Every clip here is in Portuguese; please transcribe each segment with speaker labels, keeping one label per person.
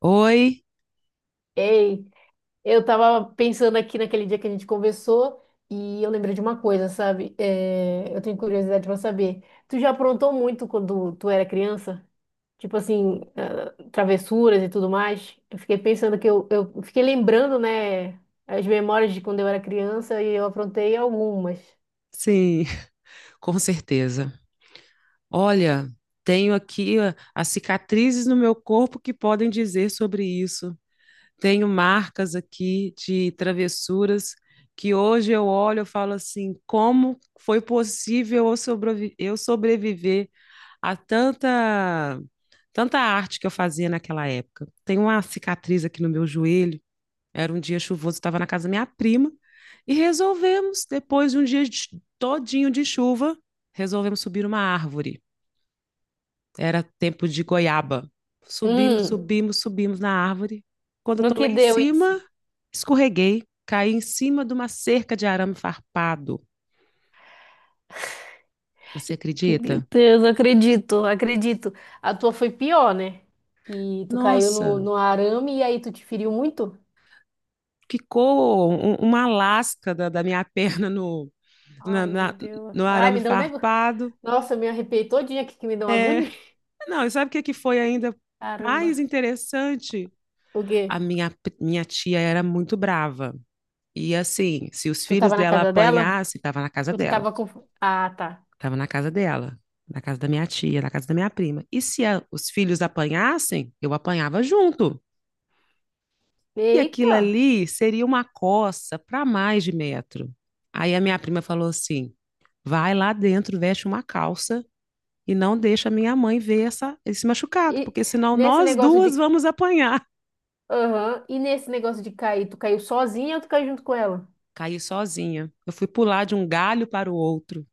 Speaker 1: Oi,
Speaker 2: Ei, eu tava pensando aqui naquele dia que a gente conversou e eu lembrei de uma coisa, sabe? É, eu tenho curiosidade pra saber. Tu já aprontou muito quando tu era criança? Tipo assim, travessuras e tudo mais? Eu fiquei pensando que eu fiquei lembrando, né, as memórias de quando eu era criança e eu aprontei algumas.
Speaker 1: sim, com certeza. Olha, tenho aqui ó, as cicatrizes no meu corpo que podem dizer sobre isso. Tenho marcas aqui de travessuras que hoje eu olho e falo assim, como foi possível eu sobreviver a tanta arte que eu fazia naquela época? Tenho uma cicatriz aqui no meu joelho. Era um dia chuvoso, estava na casa da minha prima e resolvemos, depois de um dia de- todinho de chuva, resolvemos subir uma árvore. Era tempo de goiaba. Subimos,
Speaker 2: Hum,
Speaker 1: subimos, subimos na árvore. Quando eu
Speaker 2: no
Speaker 1: tô lá
Speaker 2: que
Speaker 1: em
Speaker 2: deu isso?
Speaker 1: cima, escorreguei, caí em cima de uma cerca de arame farpado. Você
Speaker 2: Meu
Speaker 1: acredita?
Speaker 2: Deus, acredito, acredito. A tua foi pior, né? E tu caiu no,
Speaker 1: Nossa,
Speaker 2: no arame e aí tu te feriu muito?
Speaker 1: ficou uma lasca da minha perna na-
Speaker 2: Ai, meu
Speaker 1: na-
Speaker 2: Deus.
Speaker 1: no
Speaker 2: Ai,
Speaker 1: arame
Speaker 2: me deu um negócio.
Speaker 1: farpado.
Speaker 2: Nossa, eu me arrepiei todinha aqui que me deu uma
Speaker 1: É.
Speaker 2: agonia.
Speaker 1: Não, e sabe o que que foi ainda mais
Speaker 2: Caramba.
Speaker 1: interessante?
Speaker 2: O
Speaker 1: A
Speaker 2: quê?
Speaker 1: minha, minha tia era muito brava. E assim, se os
Speaker 2: Tu
Speaker 1: filhos
Speaker 2: tava na
Speaker 1: dela
Speaker 2: casa dela?
Speaker 1: apanhassem, estava na casa
Speaker 2: Ou tu
Speaker 1: dela.
Speaker 2: tava com. Ah, tá.
Speaker 1: Estava na casa dela, na casa da minha tia, na casa da minha prima. E se os filhos apanhassem, eu apanhava junto. E aquilo
Speaker 2: Eita!
Speaker 1: ali seria uma coça para mais de metro. Aí a minha prima falou assim: vai lá dentro, veste uma calça e não deixa minha mãe ver esse machucado,
Speaker 2: E
Speaker 1: porque senão
Speaker 2: nesse
Speaker 1: nós
Speaker 2: negócio
Speaker 1: duas
Speaker 2: de.
Speaker 1: vamos apanhar.
Speaker 2: Aham. E nesse negócio de cair, tu caiu sozinha ou tu caiu junto com ela?
Speaker 1: Caí sozinha. Eu fui pular de um galho para o outro.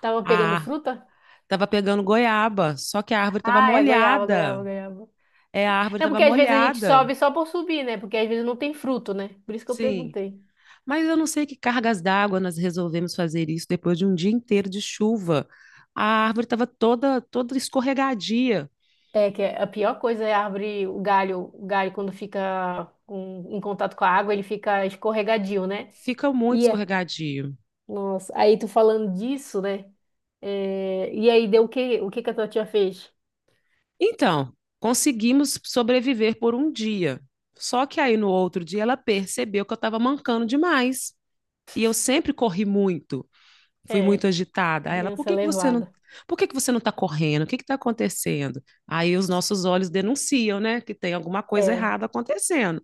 Speaker 2: Tava pegando
Speaker 1: Ah,
Speaker 2: fruta?
Speaker 1: tava pegando goiaba, só que a árvore estava
Speaker 2: Ah, é goiaba,
Speaker 1: molhada.
Speaker 2: goiaba, goiaba.
Speaker 1: É, a árvore
Speaker 2: É
Speaker 1: estava
Speaker 2: porque às vezes a gente
Speaker 1: molhada.
Speaker 2: sobe só por subir, né? Porque às vezes não tem fruto, né? Por isso que eu
Speaker 1: Sim.
Speaker 2: perguntei.
Speaker 1: Mas eu não sei que cargas d'água nós resolvemos fazer isso depois de um dia inteiro de chuva. A árvore estava toda escorregadia.
Speaker 2: É que a pior coisa é a árvore, o galho quando fica em contato com a água, ele fica escorregadio, né?
Speaker 1: Fica muito
Speaker 2: E é,
Speaker 1: escorregadio.
Speaker 2: nossa, aí tu falando disso, né? É, e aí deu o que que a tua tia fez?
Speaker 1: Então, conseguimos sobreviver por um dia. Só que aí no outro dia ela percebeu que eu estava mancando demais. E eu sempre corri muito. Fui muito
Speaker 2: É,
Speaker 1: agitada. Aí ela, por
Speaker 2: criança
Speaker 1: que que você não,
Speaker 2: levada.
Speaker 1: por que que você não está correndo? O que que está acontecendo? Aí os nossos olhos denunciam, né, que tem alguma coisa
Speaker 2: É,
Speaker 1: errada acontecendo.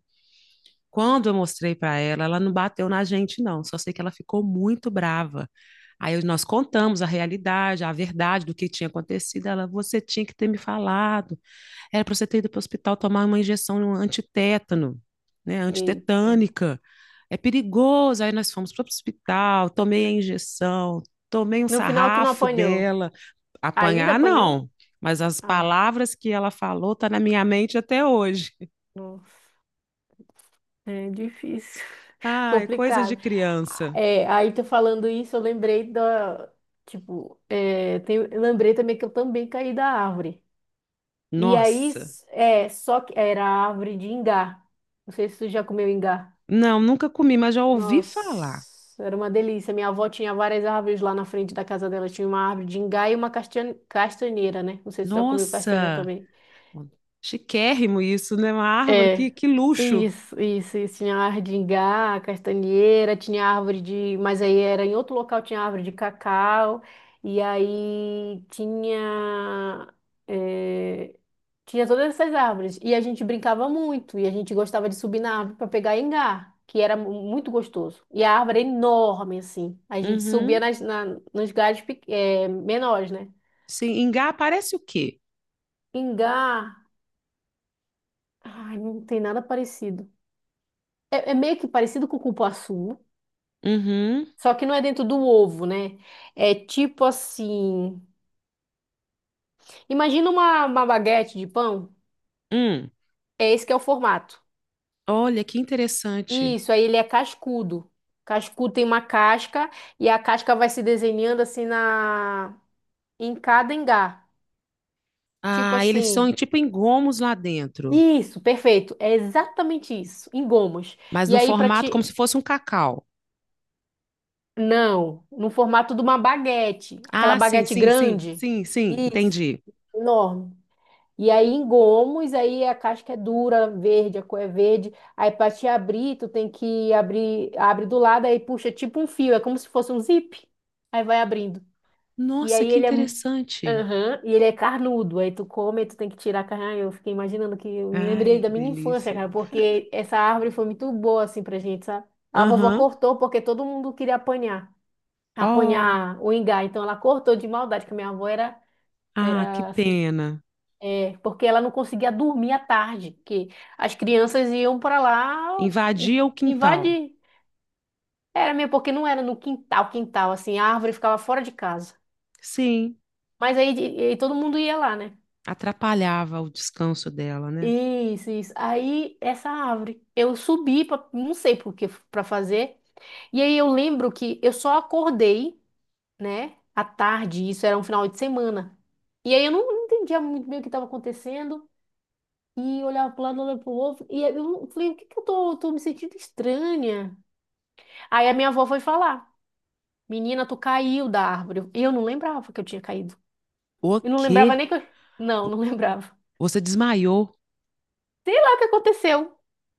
Speaker 1: Quando eu mostrei para ela, ela não bateu na gente, não. Só sei que ela ficou muito brava. Aí nós contamos a realidade, a verdade do que tinha acontecido. Ela, você tinha que ter me falado. Era para você ter ido para o hospital tomar uma injeção antitétano, né?
Speaker 2: eita.
Speaker 1: Antitetânica. É perigoso. Aí nós fomos para o hospital, tomei a injeção, tomei um
Speaker 2: No final tu não
Speaker 1: sarrafo
Speaker 2: apanhou.
Speaker 1: dela.
Speaker 2: Ainda
Speaker 1: Apanhar,
Speaker 2: apanhou?
Speaker 1: não. Mas as
Speaker 2: Ah,
Speaker 1: palavras que ela falou estão tá na minha mente até hoje.
Speaker 2: nossa, é difícil.
Speaker 1: Ai, coisas de
Speaker 2: Complicado.
Speaker 1: criança.
Speaker 2: É, aí tu falando isso, eu lembrei também que eu também caí da árvore. E aí,
Speaker 1: Nossa.
Speaker 2: só que era a árvore de ingá. Não sei se tu já comeu ingá.
Speaker 1: Não, nunca comi, mas já ouvi falar.
Speaker 2: Nossa, era uma delícia. Minha avó tinha várias árvores lá na frente da casa dela. Tinha uma árvore de ingá e uma castanheira, né? Não sei se tu já comeu castanha
Speaker 1: Nossa.
Speaker 2: também.
Speaker 1: Chiquérrimo isso, né? Uma árvore,
Speaker 2: É,
Speaker 1: que luxo.
Speaker 2: isso, isso, isso. Tinha árvore de ingá, castanheira, tinha árvore de. Mas aí era em outro local, tinha árvore de cacau, e aí tinha. é, tinha todas essas árvores. E a gente brincava muito, e a gente gostava de subir na árvore para pegar ingá, que era muito gostoso. E a árvore era enorme, assim. A gente subia
Speaker 1: Uhum.
Speaker 2: nos galhos menores, né?
Speaker 1: Sim, Engá parece o quê?
Speaker 2: Ingá, ai, não tem nada parecido. É, é meio que parecido com o cupuaçu.
Speaker 1: Uhum.
Speaker 2: Só que não é dentro do ovo, né? É tipo assim. Imagina uma baguete de pão.
Speaker 1: Hum.
Speaker 2: É esse que é o formato.
Speaker 1: Olha, que interessante.
Speaker 2: Isso, aí ele é cascudo. Cascudo tem uma casca e a casca vai se desenhando assim na em cada engar. Tipo
Speaker 1: Ah, eles são
Speaker 2: assim.
Speaker 1: tipo engomos lá dentro,
Speaker 2: Isso, perfeito. É exatamente isso, em gomos.
Speaker 1: mas
Speaker 2: E
Speaker 1: no
Speaker 2: aí para
Speaker 1: formato como
Speaker 2: ti
Speaker 1: se fosse um cacau.
Speaker 2: não, no formato de uma baguete, aquela
Speaker 1: Ah, sim,
Speaker 2: baguete
Speaker 1: sim, sim,
Speaker 2: grande.
Speaker 1: sim, sim,
Speaker 2: Isso,
Speaker 1: entendi.
Speaker 2: enorme. E aí em gomos, aí a casca é dura, verde, a cor é verde. Aí para te abrir, tu tem que abrir, abre do lado, aí puxa tipo um fio, é como se fosse um zip. Aí vai abrindo. E
Speaker 1: Nossa,
Speaker 2: aí
Speaker 1: que
Speaker 2: ele é,
Speaker 1: interessante.
Speaker 2: Aham, e ele é carnudo. Aí tu come, aí tu tem que tirar a carne. Ai, eu fiquei imaginando que eu me
Speaker 1: Ai,
Speaker 2: lembrei da
Speaker 1: que
Speaker 2: minha infância,
Speaker 1: delícia.
Speaker 2: cara, porque essa árvore foi muito boa assim pra gente, sabe? A vovó
Speaker 1: Aham.
Speaker 2: cortou porque todo mundo queria apanhar,
Speaker 1: Oh,
Speaker 2: apanhar o ingá. Então ela cortou de maldade, que a minha avó era
Speaker 1: ah, que
Speaker 2: era assim,
Speaker 1: pena.
Speaker 2: porque ela não conseguia dormir à tarde, que as crianças iam para lá
Speaker 1: Invadia o quintal.
Speaker 2: invadir. Era mesmo, porque não era no quintal, quintal, assim, a árvore ficava fora de casa.
Speaker 1: Sim.
Speaker 2: Mas aí, de- e todo mundo ia lá, né?
Speaker 1: Atrapalhava o descanso dela, né?
Speaker 2: Isso, isso. Aí, essa árvore, eu subi, pra, não sei por que, para fazer. E aí, eu lembro que eu só acordei, né, à tarde, isso era um final de semana. E aí, eu não entendia muito bem o que estava acontecendo. E olhava para lado, olhava para o outro. E aí eu falei, o que que eu tô me sentindo estranha? Aí a minha avó foi falar, menina, tu caiu da árvore. E eu não lembrava que eu tinha caído.
Speaker 1: O
Speaker 2: Eu não lembrava
Speaker 1: quê?
Speaker 2: nem que eu... Não, não lembrava.
Speaker 1: Você desmaiou?
Speaker 2: Sei lá o que aconteceu.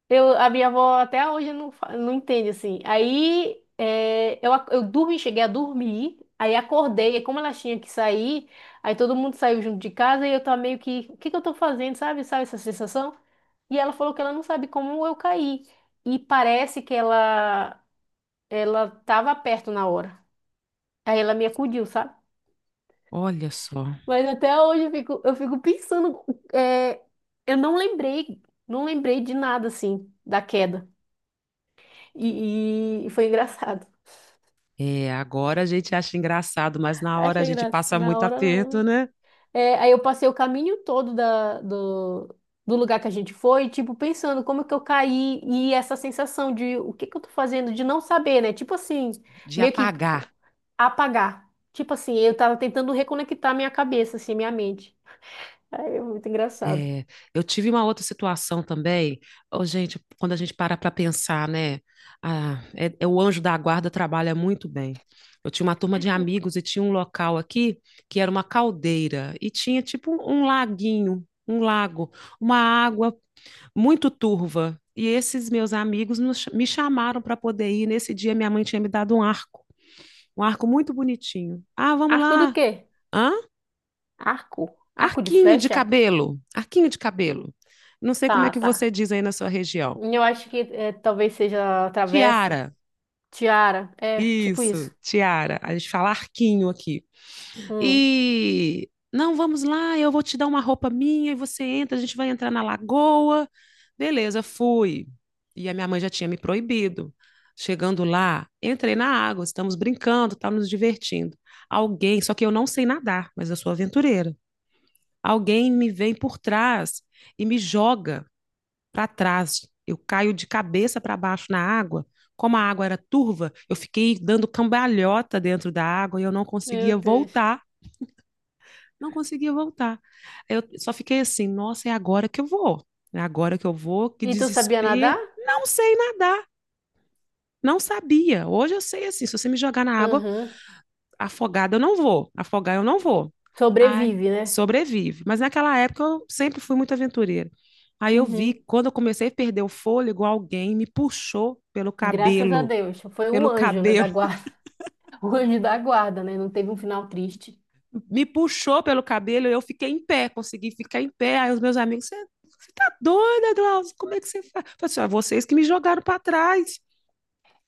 Speaker 2: A minha avó até hoje não entende assim. Aí eu dormi, cheguei a dormir, aí acordei, e como ela tinha que sair, aí todo mundo saiu junto de casa e eu tava meio que, o que que eu tô fazendo, sabe? Sabe essa sensação? E ela falou que ela não sabe como eu caí. E parece que ela tava perto na hora. Aí ela me acudiu, sabe?
Speaker 1: Olha só.
Speaker 2: Mas até hoje eu fico pensando, é, eu não lembrei, não lembrei de nada assim, da queda. E foi engraçado.
Speaker 1: É, agora a gente acha engraçado, mas na hora a
Speaker 2: Achei
Speaker 1: gente
Speaker 2: graça.
Speaker 1: passa
Speaker 2: Na
Speaker 1: muito
Speaker 2: hora,
Speaker 1: aperto,
Speaker 2: não.
Speaker 1: né?
Speaker 2: É, aí eu passei o caminho todo do, do lugar que a gente foi, tipo, pensando como é que eu caí e essa sensação de o que que eu tô fazendo, de não saber, né? Tipo assim,
Speaker 1: De
Speaker 2: meio que
Speaker 1: apagar.
Speaker 2: apagar. Tipo assim, eu tava tentando reconectar minha cabeça, assim, minha mente. Aí é muito engraçado.
Speaker 1: É, eu tive uma outra situação também. Ô, gente, quando a gente para pensar, né? Ah, é, o anjo da guarda trabalha muito bem. Eu tinha uma turma de amigos e tinha um local aqui que era uma caldeira e tinha tipo um laguinho, um lago, uma água muito turva. E esses meus amigos me chamaram para poder ir. Nesse dia, minha mãe tinha me dado um arco muito bonitinho. Ah, vamos
Speaker 2: Arco do
Speaker 1: lá.
Speaker 2: quê?
Speaker 1: Hã?
Speaker 2: Arco? Arco de
Speaker 1: Arquinho de
Speaker 2: flecha?
Speaker 1: cabelo. Arquinho de cabelo. Não sei como é
Speaker 2: Tá,
Speaker 1: que
Speaker 2: tá.
Speaker 1: você diz aí na sua região.
Speaker 2: Eu acho que é, talvez seja a travessa.
Speaker 1: Tiara.
Speaker 2: Tiara. É, tipo
Speaker 1: Isso,
Speaker 2: isso.
Speaker 1: tiara. A gente fala arquinho aqui.
Speaker 2: Hum.
Speaker 1: E não, vamos lá, eu vou te dar uma roupa minha e você entra, a gente vai entrar na lagoa. Beleza, fui. E a minha mãe já tinha me proibido. Chegando lá, entrei na água, estamos brincando, estamos nos divertindo. Alguém, só que eu não sei nadar, mas eu sou aventureira. Alguém me vem por trás e me joga para trás. Eu caio de cabeça para baixo na água. Como a água era turva, eu fiquei dando cambalhota dentro da água e eu
Speaker 2: Meu Deus.
Speaker 1: não conseguia voltar. Eu só fiquei assim, nossa, é agora que eu vou. É agora que eu vou, que
Speaker 2: E tu sabia nadar?
Speaker 1: desespero. Não sei nadar, não sabia. Hoje eu sei assim, se você me jogar na água
Speaker 2: Uhum.
Speaker 1: afogada, eu não vou. Afogar eu não vou. Ai,
Speaker 2: Sobrevive, né?
Speaker 1: sobrevive. Mas naquela época eu sempre fui muito aventureira. Aí eu vi,
Speaker 2: Uhum.
Speaker 1: quando eu comecei a perder o fôlego, alguém me puxou pelo
Speaker 2: Graças a
Speaker 1: cabelo,
Speaker 2: Deus. Foi um
Speaker 1: pelo
Speaker 2: anjo, né, da
Speaker 1: cabelo.
Speaker 2: guarda. O anjo da guarda, né? Não teve um final triste.
Speaker 1: Me puxou pelo cabelo, eu fiquei em pé, consegui ficar em pé. Aí os meus amigos, você tá doida, Glaucio? Como é que você faz? Eu falei assim, ah, vocês que me jogaram para trás.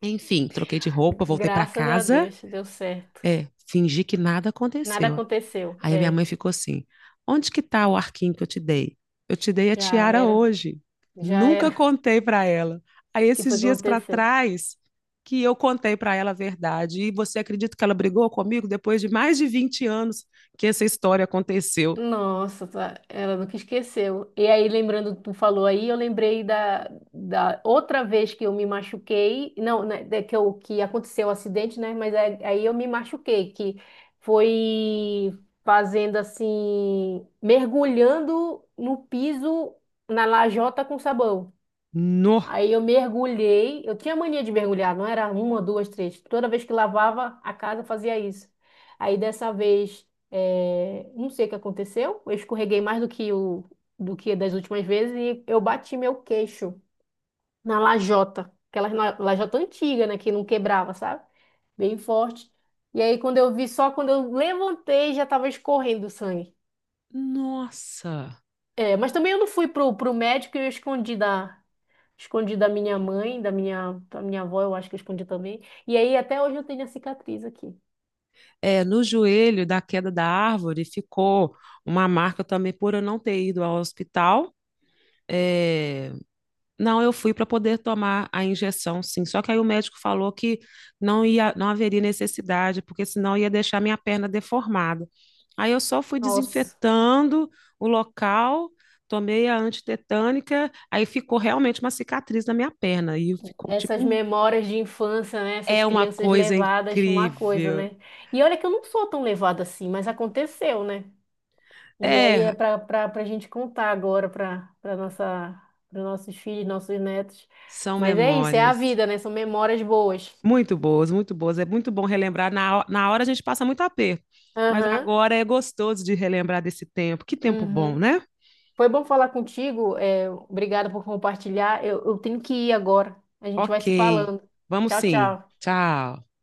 Speaker 1: Enfim, troquei de roupa, voltei para
Speaker 2: Graças a
Speaker 1: casa,
Speaker 2: Deus, deu certo.
Speaker 1: é, fingi que nada
Speaker 2: Nada
Speaker 1: aconteceu.
Speaker 2: aconteceu.
Speaker 1: Aí a minha
Speaker 2: É,
Speaker 1: mãe ficou assim: onde que tá o arquinho que eu te dei? Eu te dei a
Speaker 2: já
Speaker 1: tiara
Speaker 2: era.
Speaker 1: hoje.
Speaker 2: Já
Speaker 1: Nunca
Speaker 2: era.
Speaker 1: contei para ela. Aí
Speaker 2: O que
Speaker 1: esses
Speaker 2: foi que
Speaker 1: dias para
Speaker 2: aconteceu?
Speaker 1: trás que eu contei para ela a verdade. E você acredita que ela brigou comigo depois de mais de 20 anos que essa história aconteceu?
Speaker 2: Nossa, tá. Ela nunca esqueceu. E aí, lembrando, tu falou aí, eu lembrei da outra vez que eu me machuquei. Não, né, da- que, eu, que aconteceu o acidente, né? Mas aí eu me machuquei, que foi fazendo assim, mergulhando no piso, na lajota com sabão.
Speaker 1: No.
Speaker 2: Aí eu mergulhei. Eu tinha mania de mergulhar, não era uma, duas, três. Toda vez que lavava a casa, eu fazia isso. Aí dessa vez, não sei o que aconteceu. Eu escorreguei mais do que o do que das últimas vezes e eu bati meu queixo na lajota, aquela lajota antiga, né, que não quebrava, sabe? Bem forte. E aí quando eu vi, só quando eu levantei, já estava escorrendo sangue.
Speaker 1: Nossa!
Speaker 2: É, mas também eu não fui pro médico e eu escondi da, escondi da minha mãe, da minha avó, eu acho que eu escondi também. E aí até hoje eu tenho a cicatriz aqui.
Speaker 1: É, no joelho da queda da árvore ficou uma marca também por eu não ter ido ao hospital. É. Não, eu fui para poder tomar a injeção, sim. Só que aí o médico falou que não ia, não haveria necessidade, porque senão ia deixar minha perna deformada. Aí eu só fui
Speaker 2: Nossa,
Speaker 1: desinfetando o local, tomei a antitetânica, aí ficou realmente uma cicatriz na minha perna e ficou
Speaker 2: essas memórias de infância, né? Essas
Speaker 1: é uma
Speaker 2: crianças
Speaker 1: coisa
Speaker 2: levadas, uma coisa,
Speaker 1: incrível.
Speaker 2: né? E olha que eu não sou tão levada assim, mas aconteceu, né? E aí é
Speaker 1: É,
Speaker 2: para gente contar agora para nossa para nossos filhos, nossos netos.
Speaker 1: são
Speaker 2: Mas é isso, é a
Speaker 1: memórias.
Speaker 2: vida, né? São memórias boas.
Speaker 1: Muito boas, muito boas. É muito bom relembrar. Na hora a gente passa muito aperto, mas
Speaker 2: Aham.
Speaker 1: agora é gostoso de relembrar desse tempo. Que tempo bom,
Speaker 2: Uhum.
Speaker 1: né?
Speaker 2: Foi bom falar contigo. É, obrigada por compartilhar. Eu tenho que ir agora. A gente vai
Speaker 1: Ok,
Speaker 2: se falando.
Speaker 1: vamos
Speaker 2: Tchau,
Speaker 1: sim.
Speaker 2: tchau.
Speaker 1: Tchau.